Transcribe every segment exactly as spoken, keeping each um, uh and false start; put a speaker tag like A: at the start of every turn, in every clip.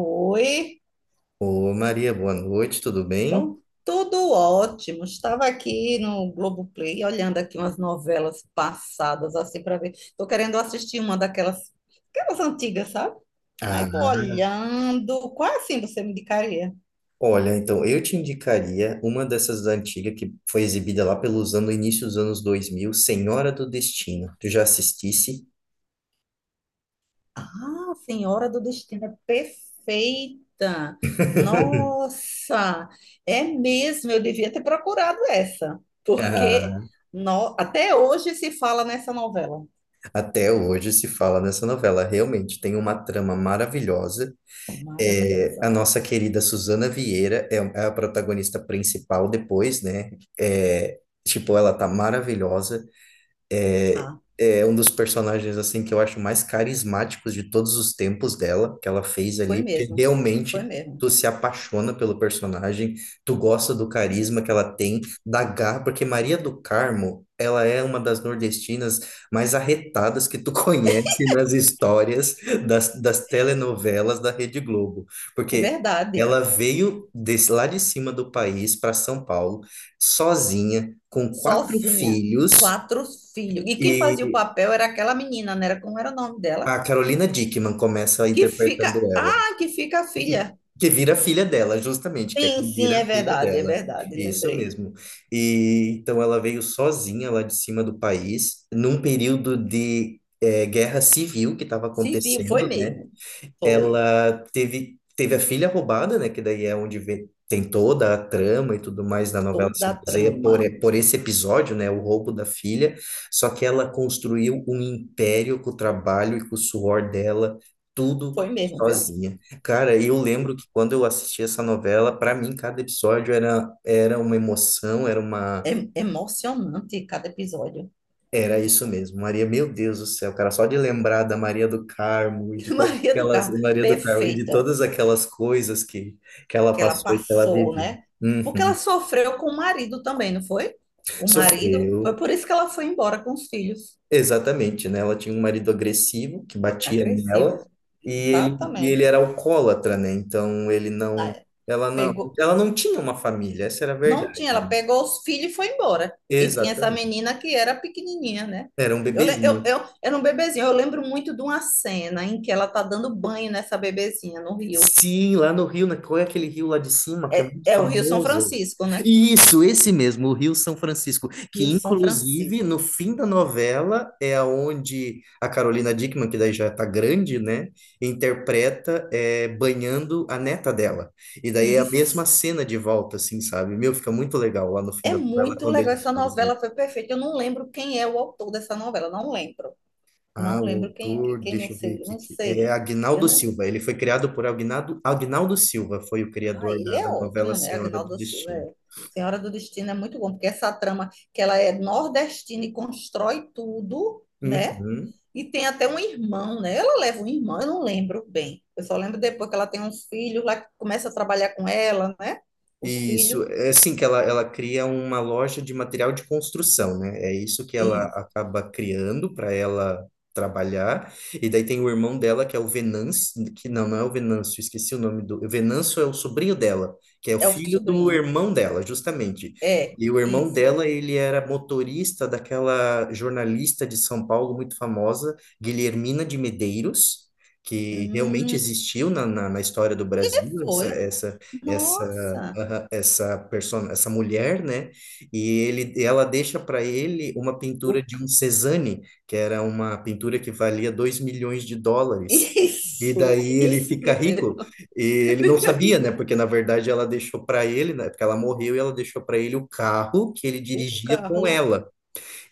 A: Oi,
B: Ô Maria, boa noite, tudo bem?
A: bom, tudo ótimo. Estava aqui no Globoplay olhando aqui umas novelas passadas assim para ver. Estou querendo assistir uma daquelas, aquelas antigas, sabe? Aí
B: Ah,
A: estou olhando. Qual assim você me indicaria?
B: olha, então eu te indicaria uma dessas antigas que foi exibida lá pelos anos, início dos anos dois mil, Senhora do Destino. Tu já assistisse?
A: Ah, Senhora do Destino é perfeita. Nossa, é mesmo. Eu devia ter procurado essa, porque
B: Ah,
A: no- até hoje se fala nessa novela.
B: até hoje se fala nessa novela. Realmente tem uma trama maravilhosa. É, a
A: Maravilhosa.
B: nossa querida Suzana Vieira é, é a protagonista principal depois, né? É, tipo, ela tá maravilhosa. É,
A: Tá.
B: é um dos personagens assim que eu acho mais carismáticos de todos os tempos dela, que ela fez
A: Foi
B: ali, porque
A: mesmo, foi
B: realmente
A: mesmo.
B: tu se apaixona pelo personagem, tu gosta do carisma que ela tem, da garra, porque Maria do Carmo, ela é uma das nordestinas mais arretadas que tu conhece nas histórias das, das telenovelas da Rede Globo,
A: É
B: porque
A: verdade.
B: ela veio desse, lá de cima do país para São Paulo, sozinha, com quatro
A: Sozinha,
B: filhos,
A: quatro filhos. E quem fazia o
B: e
A: papel era aquela menina, não era como era o nome dela?
B: a Carolina Dickman começa
A: Que fica,
B: interpretando ela,
A: ah, que fica a filha.
B: que vira a filha dela, justamente, que é
A: Sim,
B: quem
A: sim,
B: vira
A: é
B: a filha
A: verdade, é
B: dela.
A: verdade,
B: Isso
A: lembrei.
B: mesmo. E então ela veio sozinha lá de cima do país, num período de eh, guerra civil que estava
A: Se viu, foi
B: acontecendo, né?
A: mesmo. Foi.
B: Ela teve, teve a filha roubada, né? Que daí é onde vê- tem toda a trama e tudo mais da novela
A: Toda
B: se
A: a
B: baseia
A: trama.
B: por, por esse episódio, né? O roubo da filha. Só que ela construiu um império com o trabalho e com o suor dela, tudo
A: Foi mesmo, viu?
B: sozinha. Cara, eu
A: Foi.
B: lembro que quando eu assisti essa novela, para mim cada episódio era, era uma emoção, era uma
A: É emocionante cada episódio.
B: era isso mesmo, Maria, meu Deus do céu, cara, só de lembrar da Maria do Carmo e de todas
A: Maria do
B: aquelas,
A: Carmo,
B: Maria do Carmo, e de
A: perfeita.
B: todas aquelas coisas que, que ela
A: Que ela
B: passou e que ela
A: passou,
B: viveu.
A: né? Porque ela
B: Uhum.
A: sofreu com o marido também, não foi? O marido,
B: Sofreu,
A: foi por isso que ela foi embora com os filhos.
B: exatamente, né? Ela tinha um marido agressivo que batia
A: Agressivo.
B: nela e ele, e ele
A: Exatamente.
B: era alcoólatra, né? Então ele não,
A: Ah,
B: ela não,
A: Pegou,
B: ela não tinha uma família, essa era a
A: não tinha,
B: verdade,
A: ela
B: né?
A: pegou os filhos e foi embora. E tinha essa
B: Exatamente.
A: menina que era pequenininha, né?
B: Era um
A: Eu, le- eu,
B: bebezinho.
A: eu era um bebezinho. Eu lembro muito de uma cena em que ela tá dando banho nessa bebezinha no rio.
B: Sim, lá no Rio, né? Qual é aquele rio lá de cima que é muito
A: É o Rio São
B: famoso?
A: Francisco, né?
B: Isso, esse mesmo, o Rio São Francisco,
A: Rio
B: que
A: São
B: inclusive no
A: Francisco.
B: fim da novela é aonde a Carolina Dickman, que daí já tá grande, né, interpreta é, banhando a neta dela. E daí é a mesma
A: Isso.
B: cena de volta, assim, sabe? Meu, fica muito legal lá no fim
A: É
B: da novela
A: muito
B: quando
A: legal,
B: eles
A: essa
B: fazem.
A: novela foi perfeita. Eu não lembro quem é o autor dessa novela, não lembro.
B: Ah,
A: Não
B: o
A: lembro quem, quem
B: autor,
A: quem não
B: deixa eu ver
A: sei,
B: aqui,
A: não
B: que- é
A: sei. Eu
B: Agnaldo
A: não.
B: Silva. Ele foi criado por Agnaldo, Agnaldo Silva, foi o
A: Ah,
B: criador
A: ele
B: da,
A: é
B: da novela
A: ótimo, né?
B: Senhora do
A: Agnaldo Silva
B: Destino.
A: é. Senhora do Destino é muito bom, porque essa trama que ela é nordestina e constrói tudo, né?
B: Uhum.
A: E tem até um irmão, né? Ela leva um irmão, eu não lembro bem. Eu só lembro depois que ela tem uns filhos lá que começa a trabalhar com ela, né? Os
B: Isso,
A: filhos
B: é assim que ela, ela cria uma loja de material de construção, né? É isso que ela
A: e
B: acaba criando para ela trabalhar. E daí tem o irmão dela, que é o Venâncio, que não, não é o Venâncio, esqueci o nome do. O Venâncio é o sobrinho dela, que é o
A: é o
B: filho do
A: sobrinho.
B: irmão dela, justamente.
A: É,
B: E o irmão
A: isso.
B: dela, ele era motorista daquela jornalista de São Paulo muito famosa, Guilhermina de Medeiros. Que realmente
A: Hum,
B: existiu na, na, na história do
A: e
B: Brasil, essa,
A: foi,
B: essa, essa
A: nossa,
B: ah, essa persona, essa mulher, né? E ele, ela deixa para ele uma
A: o
B: pintura de
A: ca-
B: um Cézanne, que era uma pintura que valia dois milhões de dólares. E
A: isso,
B: daí ele
A: isso
B: fica rico
A: mesmo.
B: e ele não
A: Aí,
B: sabia, né?
A: co-
B: Porque na verdade ela deixou para ele, né? Porque ela morreu e ela deixou para ele o carro que ele
A: O
B: dirigia com
A: carro
B: ela.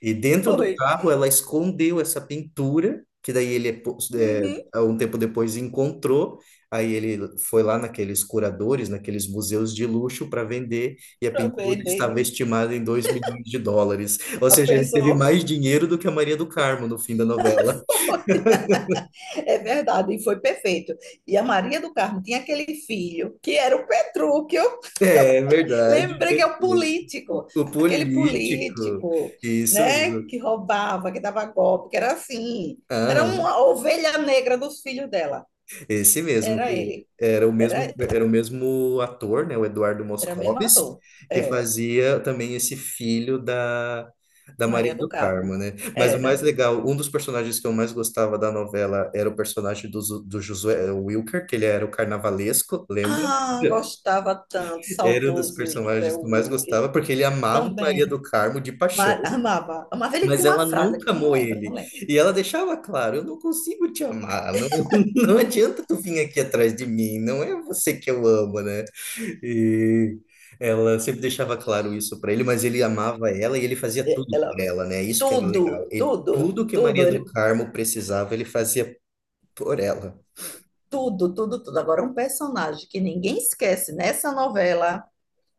B: E dentro do
A: foi,
B: carro ela escondeu essa pintura, que daí ele, po- é,
A: uhum,
B: há um tempo depois, encontrou. Aí ele foi lá naqueles curadores, naqueles museus de luxo para vender, e a
A: para
B: pintura
A: vender.
B: estava estimada em dois milhões de dólares. Ou
A: A
B: seja, ele teve
A: pessoa
B: mais dinheiro do que a Maria do Carmo no fim da novela.
A: foi. É verdade, e foi perfeito. E a Maria do Carmo tinha aquele filho, que era o Petrúquio.
B: É verdade.
A: Lembrei que é o político,
B: O
A: aquele
B: político.
A: político,
B: Isso,
A: né,
B: isso.
A: que roubava, que dava golpe, que era assim. Era uma ovelha negra dos filhos dela.
B: Esse mesmo,
A: Era
B: que
A: ele,
B: era o mesmo,
A: era,
B: era o mesmo ator, né, o Eduardo
A: era o mesmo
B: Moscovis,
A: ator.
B: que
A: É.
B: fazia também esse filho da, da Maria
A: Maria do
B: do
A: Carmo.
B: Carmo, né? Mas o mais
A: Era.
B: legal, um dos personagens que eu mais gostava da novela era o personagem do, Zu- do Josué Wilker, que ele era o carnavalesco, lembra?
A: Ah, gostava tanto,
B: Era um dos
A: saudoso José
B: personagens que eu mais
A: Wilker.
B: gostava, porque ele amava Maria
A: Também.
B: do Carmo de paixão.
A: Ma- Amava. Amava. Ele
B: Mas
A: tinha uma
B: ela
A: frase
B: nunca
A: que eu não
B: amou
A: lembro, não
B: ele.
A: lembro.
B: E ela deixava claro, eu não consigo te amar, não, não adianta tu vir aqui atrás de mim, não é você que eu amo, né? E ela sempre deixava claro isso para ele, mas ele amava ela e ele fazia tudo por
A: Ela,
B: ela, né? Isso que era legal.
A: tudo,
B: Ele,
A: tudo,
B: tudo que
A: tudo,
B: Maria do
A: ele,
B: Carmo precisava, ele fazia por ela.
A: tudo, tudo, tudo. Agora, um personagem que ninguém esquece nessa novela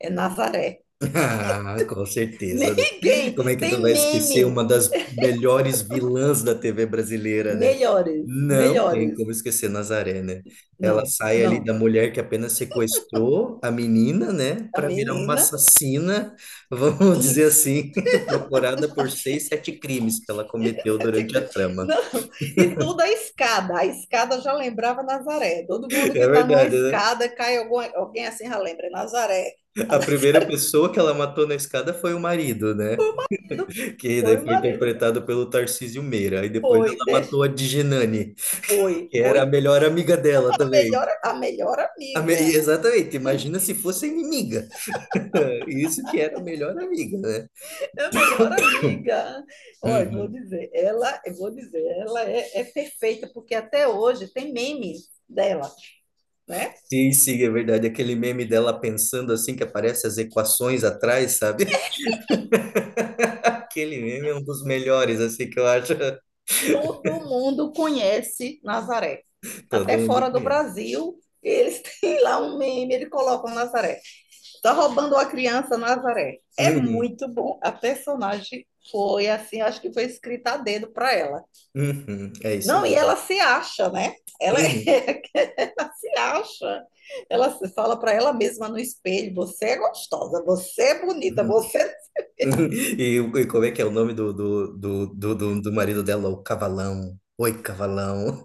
A: é Nazaré.
B: Ah, com certeza, né?
A: Ninguém.
B: Como é que tu vai
A: Tem
B: esquecer
A: meme.
B: uma das melhores vilãs da T V brasileira, né?
A: Melhores,
B: Não tem
A: melhores.
B: como esquecer Nazaré, né? Ela
A: Não,
B: sai ali da
A: não.
B: mulher que apenas sequestrou a menina, né?
A: A
B: Para virar uma
A: menina.
B: assassina, vamos
A: E
B: dizer assim, procurada por seis, sete crimes que ela cometeu durante a trama.
A: Não, e tudo a escada. A escada já lembrava Nazaré. Todo mundo que
B: É
A: está numa
B: verdade, né?
A: escada cai alguma, alguém assim já lembra. É Nazaré. A
B: A primeira pessoa que ela matou na escada foi o marido, né?
A: nascido
B: Que daí
A: foi o
B: foi
A: marido.
B: interpretado pelo Tarcísio Meira. Aí depois
A: Foi,
B: ela
A: deix-
B: matou a Digenani,
A: foi.
B: que era a
A: Coitada,
B: melhor amiga dela
A: a
B: também.
A: melhor, a melhor
B: A me-
A: amiga.
B: Exatamente, imagina se fosse a inimiga. Isso que era a melhor amiga, né?
A: A melhor amiga. Olha, vou
B: Uhum.
A: dizer, ela, eu vou dizer, ela é, é perfeita, porque até hoje tem memes dela, né?
B: Sim, sim, é verdade. Aquele meme dela pensando assim, que aparece as equações atrás, sabe? Aquele meme é um dos melhores, assim, que eu acho.
A: Todo mundo conhece Nazaré.
B: Todo
A: Até
B: mundo
A: fora do
B: conhece.
A: Brasil, eles têm lá um meme, eles colocam Nazaré. Tá roubando a criança Nazaré. É
B: Uhum,
A: muito bom. A personagem foi assim, acho que foi escrita a dedo para ela.
B: uhum, é isso
A: Não, e
B: mesmo.
A: ela se acha, né? Ela,
B: Uhum,
A: é, ela se acha. Ela se fala para ela mesma no espelho: você é gostosa, você é bonita,
B: uhum,
A: você
B: uhum. E, e como é que é o nome do, do, do, do, do do marido dela? O Cavalão. Oi, Cavalão.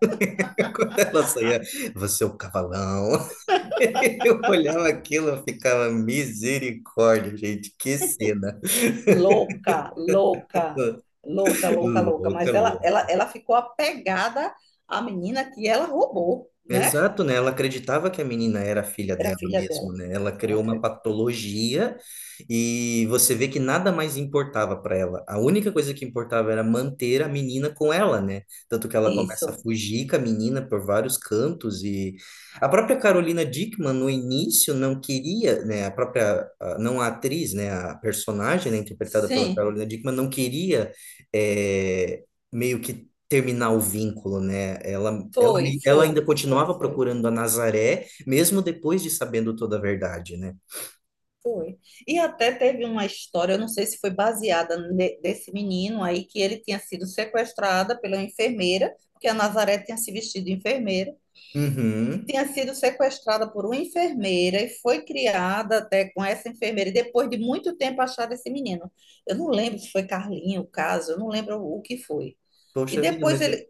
B: Quando ela saía, você é o cavalão. Eu olhava aquilo, eu ficava misericórdia, gente, que cena.
A: louca, louca, louca, louca, louca.
B: Louca,
A: Mas ela, ela,
B: louca.
A: ela ficou apegada à menina que ela roubou, né?
B: Exato, né? Ela acreditava que a menina era a filha
A: Era
B: dela
A: filha
B: mesmo,
A: dela,
B: né? Ela
A: ela
B: criou uma
A: creu.
B: patologia e você vê que nada mais importava para ela. A única coisa que importava era manter a menina com ela, né? Tanto que ela começa a
A: Isso,
B: fugir com a menina por vários cantos e a própria Carolina Dickman no início não queria, né? A própria, a- não a atriz, né? A personagem, né? Interpretada pela
A: sim,
B: Carolina Dickman não queria, eh, meio que terminar o vínculo, né? Ela, ela,
A: foi,
B: me- ela ainda
A: foi, foi,
B: continuava
A: foi.
B: procurando a Nazaré, mesmo depois de sabendo toda a verdade, né?
A: Foi. E até teve uma história, eu não sei se foi baseada ne- desse menino aí, que ele tinha sido sequestrado pela enfermeira, porque a Nazaré tinha se vestido de enfermeira, que
B: Uhum.
A: tinha sido sequestrada por uma enfermeira e foi criada até com essa enfermeira, e depois de muito tempo acharam esse menino. Eu não lembro se foi Carlinho o caso, eu não lembro o que foi. E
B: Poxa vida,
A: depois
B: mas eu
A: ele,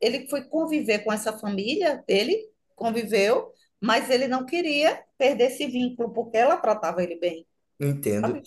A: ele foi conviver com essa família dele, conviveu, mas ele não queria perder esse vínculo, porque ela tratava ele bem,
B: entendo.
A: sabe?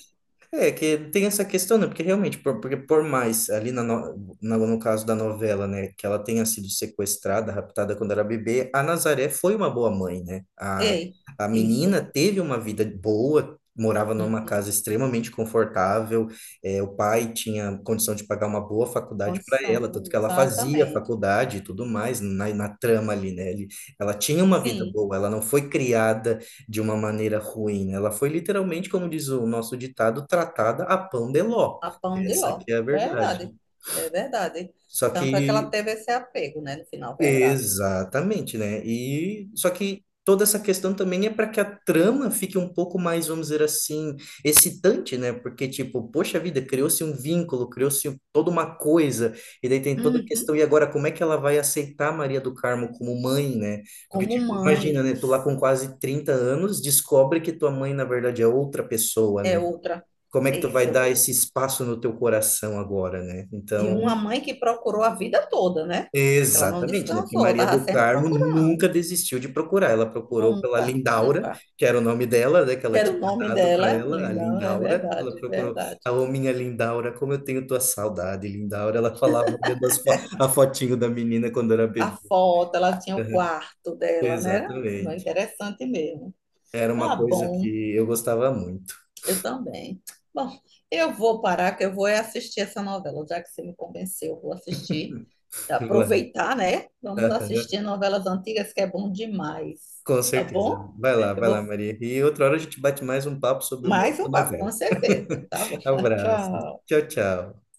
B: É, que tem essa questão, né? Porque realmente, por, porque por mais ali na no, na- no caso da novela, né, que ela tenha sido sequestrada, raptada quando era bebê, a Nazaré foi uma boa mãe, né? A,
A: Ei,
B: a menina
A: isso.
B: teve uma vida boa, morava numa
A: Uhum.
B: casa extremamente confortável, é, o pai tinha condição de pagar uma boa faculdade para ela, tanto
A: Condição,
B: que ela fazia
A: exatamente.
B: faculdade e tudo mais na, na trama ali, né? Ele, ela tinha uma vida
A: Sim.
B: boa, ela não foi criada de uma maneira ruim, né? Ela foi literalmente, como diz o nosso ditado, tratada a pão de ló.
A: A pão de
B: Essa
A: ló.
B: que é a
A: Verdade.
B: verdade.
A: É verdade.
B: Só
A: Tanto é que ela
B: que
A: teve esse apego, né? No final, verdade.
B: Exatamente, né? E só que toda essa questão também é para que a trama fique um pouco mais, vamos dizer assim, excitante, né? Porque, tipo, poxa vida, criou-se um vínculo, criou-se toda uma coisa, e daí tem toda a
A: Uhum.
B: questão, e agora como é que ela vai aceitar Maria do Carmo como mãe, né? Porque,
A: Como
B: tipo, imagina,
A: mãe,
B: né? Tu lá com quase trinta anos descobre que tua mãe, na verdade, é outra pessoa,
A: é
B: né?
A: outra.
B: Como é
A: É
B: que tu vai
A: isso.
B: dar esse espaço no teu coração agora, né?
A: E uma
B: Então.
A: mãe que procurou a vida toda, né? Ela não
B: Exatamente, né? Porque
A: descansou,
B: Maria
A: estava
B: do
A: sempre
B: Carmo
A: procurando.
B: nunca desistiu de procurar. Ela procurou pela
A: Nunca,
B: Lindaura,
A: nunca.
B: que era o nome dela, né? Que ela
A: Quero
B: tinha
A: o nome
B: dado para
A: dela,
B: ela, a
A: linda, é
B: Lindaura. Ela
A: verdade, é
B: procurou,
A: verdade.
B: a minha Lindaura, como eu tenho tua saudade, Lindaura. Ela falava olhando as fo- a fotinho da menina quando era
A: A
B: bebê.
A: foto, ela tinha o quarto dela, né? Era
B: Exatamente.
A: interessante mesmo.
B: Era uma
A: Tá
B: coisa que
A: bom.
B: eu gostava muito.
A: Eu também. Bom, eu vou parar, que eu vou é assistir essa novela, já que você me convenceu, eu vou assistir. Aproveitar, né? Vamos assistir novelas antigas, que é bom demais.
B: Com
A: Tá
B: certeza.
A: bom?
B: Vai lá,
A: Eu
B: vai lá,
A: vou
B: Maria. E outra hora a gente bate mais um papo sobre uma
A: mais
B: outra
A: um papo, com
B: novela.
A: certeza. Tá bom.
B: Abraço.
A: Tchau.
B: Tchau, tchau.